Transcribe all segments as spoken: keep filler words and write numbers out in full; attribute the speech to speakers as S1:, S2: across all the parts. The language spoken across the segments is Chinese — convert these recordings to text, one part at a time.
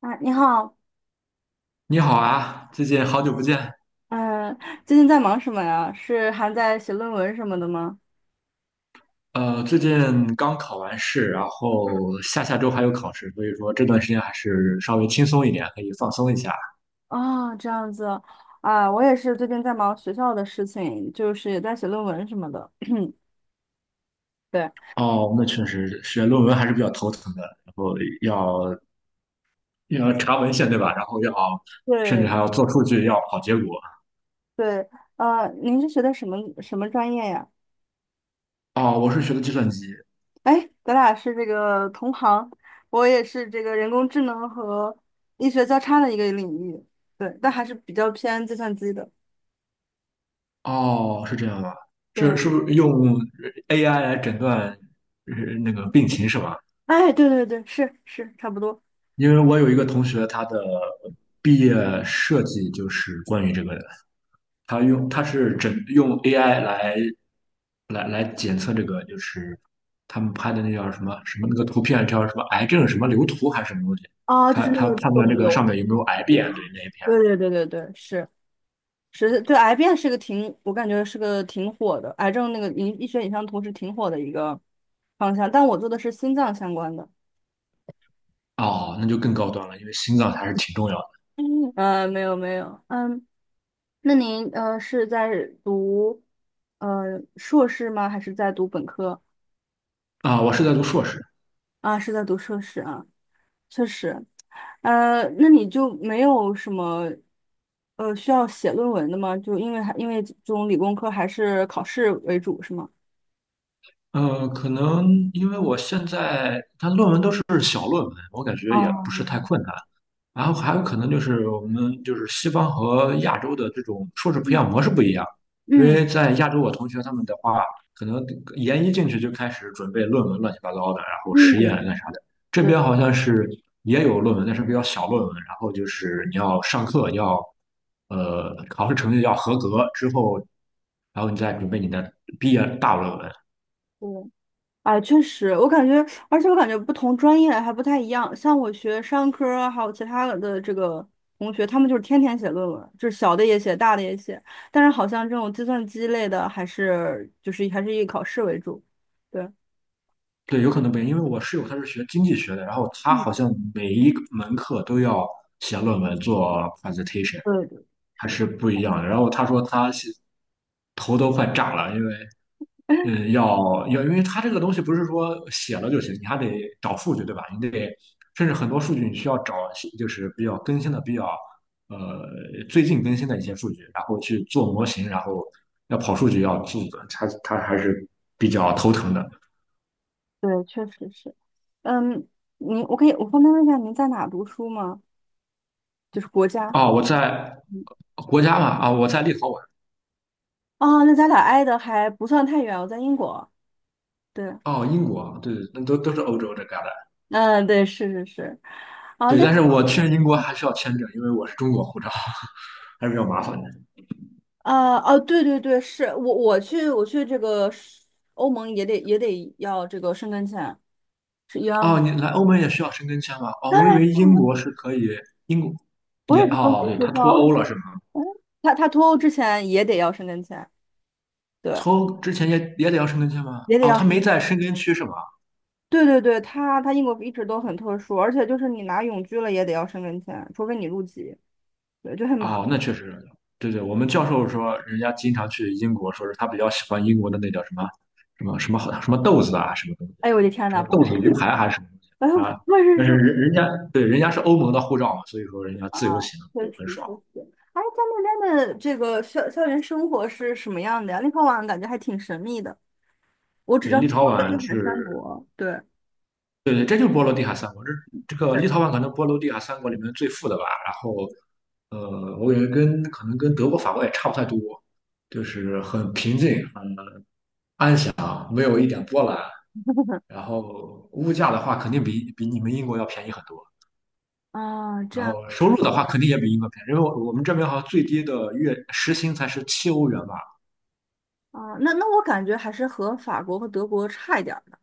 S1: 啊，你好。
S2: 你好啊，最近好久不见。
S1: 嗯，最近在忙什么呀？是还在写论文什么的吗？
S2: 呃，最近刚考完试，然后下下周还有考试，所以说这段时间还是稍微轻松一点，可以放松一下。
S1: 哦，这样子。啊，我也是最近在忙学校的事情，就是也在写论文什么的。对，
S2: 哦，那确实写论文还是比较头疼的，然后要要查文献，对吧？然后要甚至
S1: 对，
S2: 还要做数据，要跑结果。
S1: 对，呃，您是学的什么什么专业呀？
S2: 哦，我是学的计算机。
S1: 哎，咱俩是这个同行，我也是这个人工智能和医学交叉的一个领域。对，但还是比较偏计算机的。
S2: 哦，是这样吗？是
S1: 对，
S2: 是不是用 A I 来诊断呃那个病情是吧？
S1: 哎，对对对，是是，差不多。
S2: 因为我有一个同学，他的毕业设计就是关于这个的，他用他是整用 A I 来来来检测这个，就是他们拍的那叫什么什么那个图片叫什么癌症什么瘤图还是什么东西，
S1: 啊，就
S2: 他
S1: 是那
S2: 他
S1: 个
S2: 判
S1: 肿
S2: 断这个
S1: 瘤
S2: 上
S1: 的
S2: 面有没
S1: 那
S2: 有癌变，对
S1: 个，
S2: 那一片。
S1: 对对对对对，是是，对。癌变是个挺，我感觉是个挺火的。癌症那个医医学影像图是挺火的一个方向，但我做的是心脏相关的。
S2: 哦，那就更高端了，因为心脏还是挺重要的
S1: 嗯，呃，没有没有。嗯，那您呃是在读呃硕士吗？还是在读本科？
S2: 啊。我是在读硕士。
S1: 啊，是在读硕士啊，确实。呃，那你就没有什么呃需要写论文的吗？就因为还因为这种理工科还是考试为主是吗？
S2: 嗯，可能因为我现在他论文都是小论文，我感觉也
S1: 哦，
S2: 不是太困难。然后还有可能就是我们就是西方和亚洲的这种硕士培养
S1: 嗯，
S2: 模式不一样，因
S1: 嗯。
S2: 为在亚洲我同学他们的话，可能研一进去就开始准备论文乱七八糟的，然后
S1: 嗯，
S2: 实验干啥的。这
S1: 对
S2: 边好像是也有论文，但是比较小论文，然后就是你要上课，要呃考试成绩要合格之后，然后你再准备你的毕业大论文。
S1: 对。啊，确实，我感觉，而且我感觉不同专业还不太一样。像我学商科儿还有其他的这个同学，他们就是天天写论文，就是小的也写，大的也写。但是好像这种计算机类的，还是就是还是以考试为主。对，
S2: 对，有可能不一样，因为我室友他是学经济学的，然后他
S1: 嗯，
S2: 好像每一个门课都要写论文做 presentation，
S1: 对对
S2: 还
S1: 是，
S2: 是不一样的。然后他说他是头都快炸了，因为嗯，要要，因为他这个东西不是说写了就行，你还得找数据，对吧？你得甚至很多数据你需要找，就是比较更新的、比较呃最近更新的一些数据，然后去做模型，然后要跑数据要做，他他还是比较头疼的。
S1: 对，确实是。嗯，您，我可以，我方便问一下您在哪读书吗？就是国家。
S2: 哦，我在国家嘛，啊、我在立陶宛。
S1: 啊，那咱俩挨的还不算太远，我在英国。对。
S2: 哦，英国，对对，那都都是欧洲这旮瘩。
S1: 嗯，对，是是是。啊，
S2: 对，
S1: 那
S2: 但是我去英国还需要签证，因为我是中国护照，还是比较麻烦的。
S1: 啊哦，对对对。是我我去我去这个，是欧盟也得也得要这个申根签，是一样
S2: 哦，
S1: 的。
S2: 你来欧盟也需要申根签吗？哦，
S1: 当
S2: 我以
S1: 然
S2: 为
S1: 是
S2: 英
S1: 了，
S2: 国是可以，英国
S1: 我
S2: 也，
S1: 也是中
S2: 哦，
S1: 国
S2: 对，
S1: 护
S2: 他
S1: 照。
S2: 脱欧了是吗？
S1: 他他脱欧之前也得要申根签。对，
S2: 脱欧之前也也得要申根签吗？
S1: 也得
S2: 哦，
S1: 要
S2: 他
S1: 申
S2: 没
S1: 根
S2: 在
S1: 签。
S2: 申根区是吗？
S1: 对对对，他他英国一直都很特殊，而且就是你拿永居了也得要申根签，除非你入籍。对，就很麻
S2: 哦，
S1: 烦。
S2: 那确实，对对，我们教授说，人家经常去英国，说是他比较喜欢英国的那叫什么什么什么好什么豆子啊，什么东西，
S1: 哎呦我的天
S2: 什
S1: 呐，
S2: 么
S1: 不
S2: 豆
S1: 会是。
S2: 子鱼排还是什么东西
S1: 哎呦
S2: 啊？
S1: 不会是
S2: 但
S1: 是
S2: 是人人家，对，人家是欧盟的护照嘛，所以说人家
S1: 啊，
S2: 自由行
S1: 确
S2: 就
S1: 实
S2: 很爽。
S1: 确实。哎，在那边的这个校校园生活是什么样的呀？立陶宛感觉还挺神秘的，我只知
S2: 对，
S1: 道
S2: 立
S1: 是波
S2: 陶
S1: 罗
S2: 宛
S1: 的海三
S2: 是，
S1: 国。对，
S2: 对对，这就是波罗的海三国，这这个
S1: 对，
S2: 立陶宛可能波罗的海三国里面最富的吧。然后，呃，我感觉跟可能跟德国、法国也差不太多，就是很平静，很没有一点波澜。然后物价的话，肯定比比你们英国要便宜很多。
S1: 啊，这
S2: 然
S1: 样。
S2: 后收入的话，肯定也比英国便宜，因为我我们这边好像最低的月时薪才是七欧元吧。
S1: 啊，那那我感觉还是和法国和德国差一点儿的，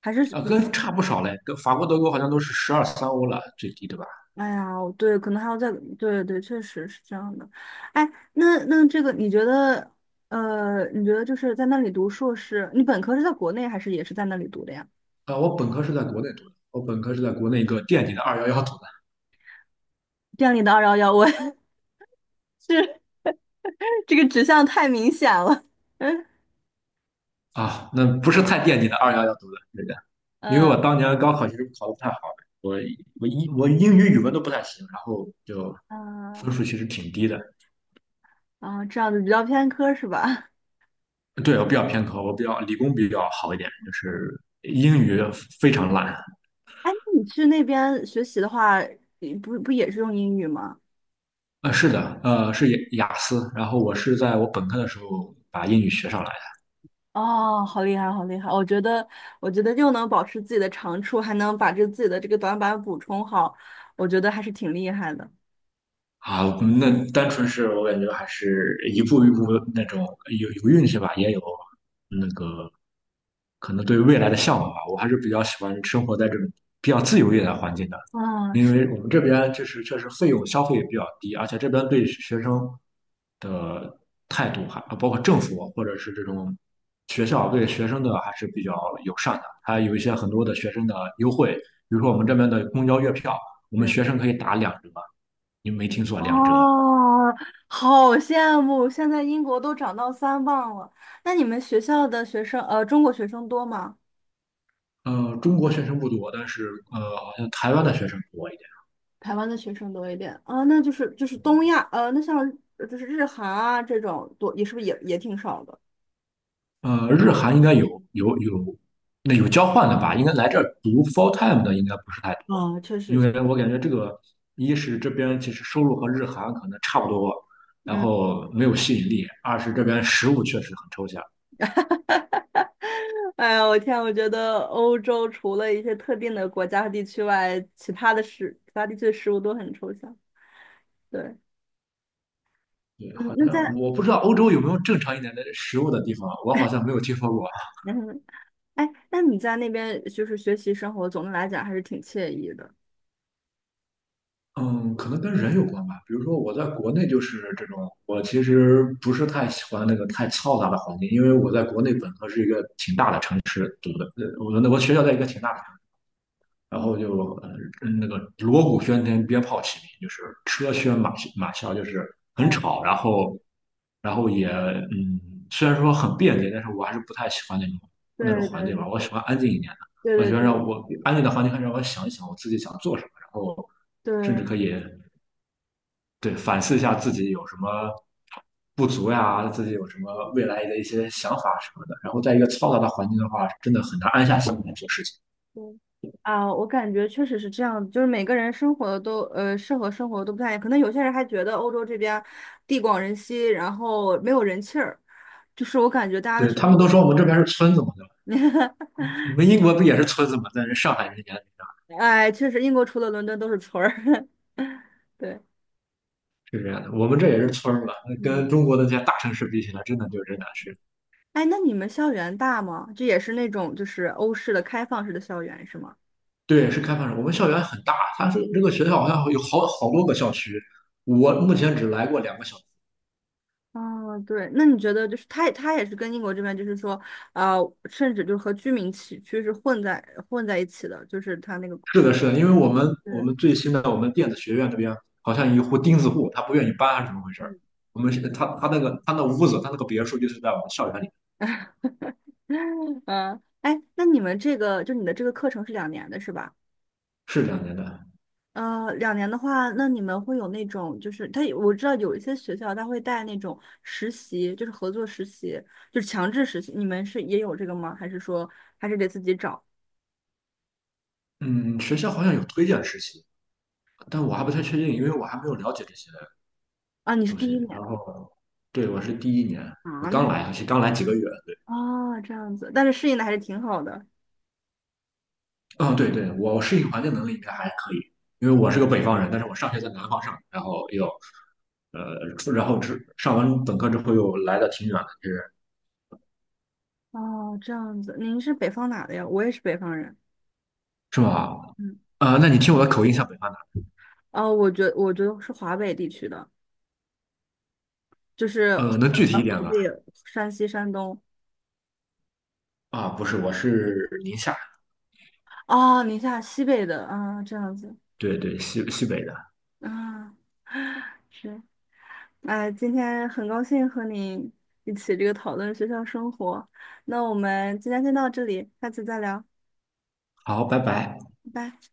S1: 还是
S2: 啊、
S1: 比
S2: 跟 差不少嘞，跟法国、德国好像都是十二三欧了，最低对吧？
S1: 哎呀，我对，可能还要再，对对，确实是这样的。哎，那那这个你觉得，呃，你觉得就是在那里读硕士，你本科是在国内还是也是在那里读的呀？
S2: 啊、我本科是在国内读的，我本科是在国内一个垫底的二幺幺读的，
S1: 这样你的二幺幺，我 这个指向太明显了。嗯。
S2: 啊，那不是太垫底的二幺幺读的，对的，因为
S1: 嗯，
S2: 我当年高考其实考得不太好，我我英我英语、语文都不太行，然后就
S1: 嗯
S2: 分数其实挺低的。
S1: 啊，这样子比较偏科是吧？
S2: 对，我比较偏科，我比较理工比较好一点，就是英语非常烂。
S1: 哎，那你去那边学习的话，你不不也是用英语吗？
S2: 呃，是的，呃，是雅雅思。然后我是在我本科的时候把英语学上来。
S1: 哦，好厉害，好厉害！我觉得，我觉得，又能保持自己的长处，还能把这自己的这个短板补充好，我觉得还是挺厉害的。
S2: 啊，那单纯是我感觉还是一步一步那种有有运气吧，也有那个可能对未来的向往吧。我还是比较喜欢生活在这种比较自由一点的环境的，
S1: 啊，
S2: 因
S1: 是
S2: 为我们这边就是确实费用消费也比较低，而且这边对学生的态度还包括政府或者是这种学校对学生的还是比较友善的，还有一些很多的学生的优惠，比如说我们这边的公交月票，我们
S1: 是，
S2: 学生可以打两折。你没听错，两折。
S1: 哦，好羡慕！现在英国都长到三磅了。那你们学校的学生，呃，中国学生多吗？
S2: 呃，中国学生不多，但是呃，好像台湾的学生多一点。
S1: 台湾的学生多一点啊，那就是就是东亚，呃，那像呃就是日韩啊这种多，也是不是也也挺少的？
S2: 呃，日韩应该有有有，那有交换的吧？应该来这儿读 full time 的应该不是太多，
S1: 啊，确
S2: 因
S1: 实，
S2: 为我感觉这个一是这边其实收入和日韩可能差不多，然
S1: 嗯。
S2: 后没有吸引力；二是这边食物确实很抽象。
S1: 哎呀，我天，我觉得欧洲除了一些特定的国家和地区外，其他的事，其他地区的食物都很抽象。对，
S2: 对，
S1: 嗯，
S2: 好
S1: 那
S2: 像
S1: 在
S2: 我不知道欧洲有没有正常一点的食物的地方，我好像没有听说过。
S1: 嗯，哎，那你在那边就是学习生活，总的来讲还是挺惬意的。
S2: 嗯，可能跟人有关吧。比如说，我在国内就是这种，我其实不是太喜欢那个太嘈杂的环境，因为我在国内本科是一个挺大的城市读的，呃，我那我学校在一个挺大的城市，然
S1: 嗯，
S2: 后就呃那个锣鼓喧天，鞭炮齐鸣，就是车喧马马啸，就是很
S1: 哎，
S2: 吵，然后然后也嗯，虽然说很便捷，但是我还是不太喜欢那种那种
S1: 对
S2: 环
S1: 对
S2: 境吧，我喜欢安静一点的，
S1: 对
S2: 我喜欢
S1: 对
S2: 让
S1: 对
S2: 我安静的环境，让我想一想我自己想做什么，然后甚至
S1: 对。
S2: 可以。对，反思一下自己有什么不足呀，自己有什么未来的一些想法什么的。然后在一个嘈杂的环境的话，真的很难安下心来做事情。
S1: 嗯啊，我感觉确实是这样，就是每个人生活的都呃适合生活的都不太一样，可能有些人还觉得欧洲这边地广人稀，然后没有人气儿，就是我感觉大家的
S2: 对，
S1: 选
S2: 他
S1: 择。
S2: 们都说我们这边是村子嘛，对吧？你 们英国不也是村子嘛？但是上海人眼里
S1: 哎，确实英国除了伦敦都是村儿。对，
S2: 是这样的，我们这也是村儿嘛，跟
S1: 嗯，
S2: 中国的这些大城市比起来，真的就真难是。
S1: 哎，那你们校园大吗？这也是那种就是欧式的开放式的校园是吗？
S2: 对，是开放式。我们校园很大，它是这个学校好像有好好多个校区，我目前只来过两个校。
S1: 啊，对，那你觉得就是它它也是跟英国这边就是说，啊，甚至就是和居民区区是混在混在一起的，就是它那个。
S2: 是的，是的，因为我们我
S1: 嗯。
S2: 们最新的我们电子学院这边好像有一户钉子户，他不愿意搬，还是怎么回事儿？
S1: 嗯，
S2: 我们是他他那个他那屋子，他那个别墅就是在我们校园里，
S1: 嗯，哎，那你们这个就你的这个课程是两年的是吧？
S2: 是这样的。
S1: 呃，两年的话，那你们会有那种就是他我知道有一些学校他会带那种实习，就是合作实习，就是强制实习。你们是也有这个吗？还是说还是得自己找
S2: 嗯，学校好像有推荐实习，但我还不太确定，因为我还没有了解这些
S1: 啊？你是
S2: 东
S1: 第
S2: 西。
S1: 一年
S2: 然后，对，我是第一年，我
S1: 啊？那
S2: 刚
S1: 还
S2: 来，而且刚来几个月。对，
S1: 哦，这样子，但是适应的还是挺好的。
S2: 嗯，对对，我适应环境能力应该还可以，因为我是个北方人，但是我上学在南方上，然后又呃，然后之上完本科之后又来的挺远的，就是
S1: 哦，这样子，您是北方哪的呀？我也是北方人。
S2: 是吧？
S1: 嗯，
S2: 呃，那你听我的口音像北方的，
S1: 哦，我觉我觉得是华北地区的。就是河
S2: 呃，能具体一
S1: 南、
S2: 点
S1: 河
S2: 吗？
S1: 北、山西、山东。
S2: 啊，不是，我是宁夏，
S1: 哦，宁夏西北的，啊，这样子，
S2: 对对，西西北的。
S1: 啊，是，哎，今天很高兴和你一起这个讨论学校生活，那我们今天先到这里，下次再聊，
S2: 好，拜拜。
S1: 拜拜。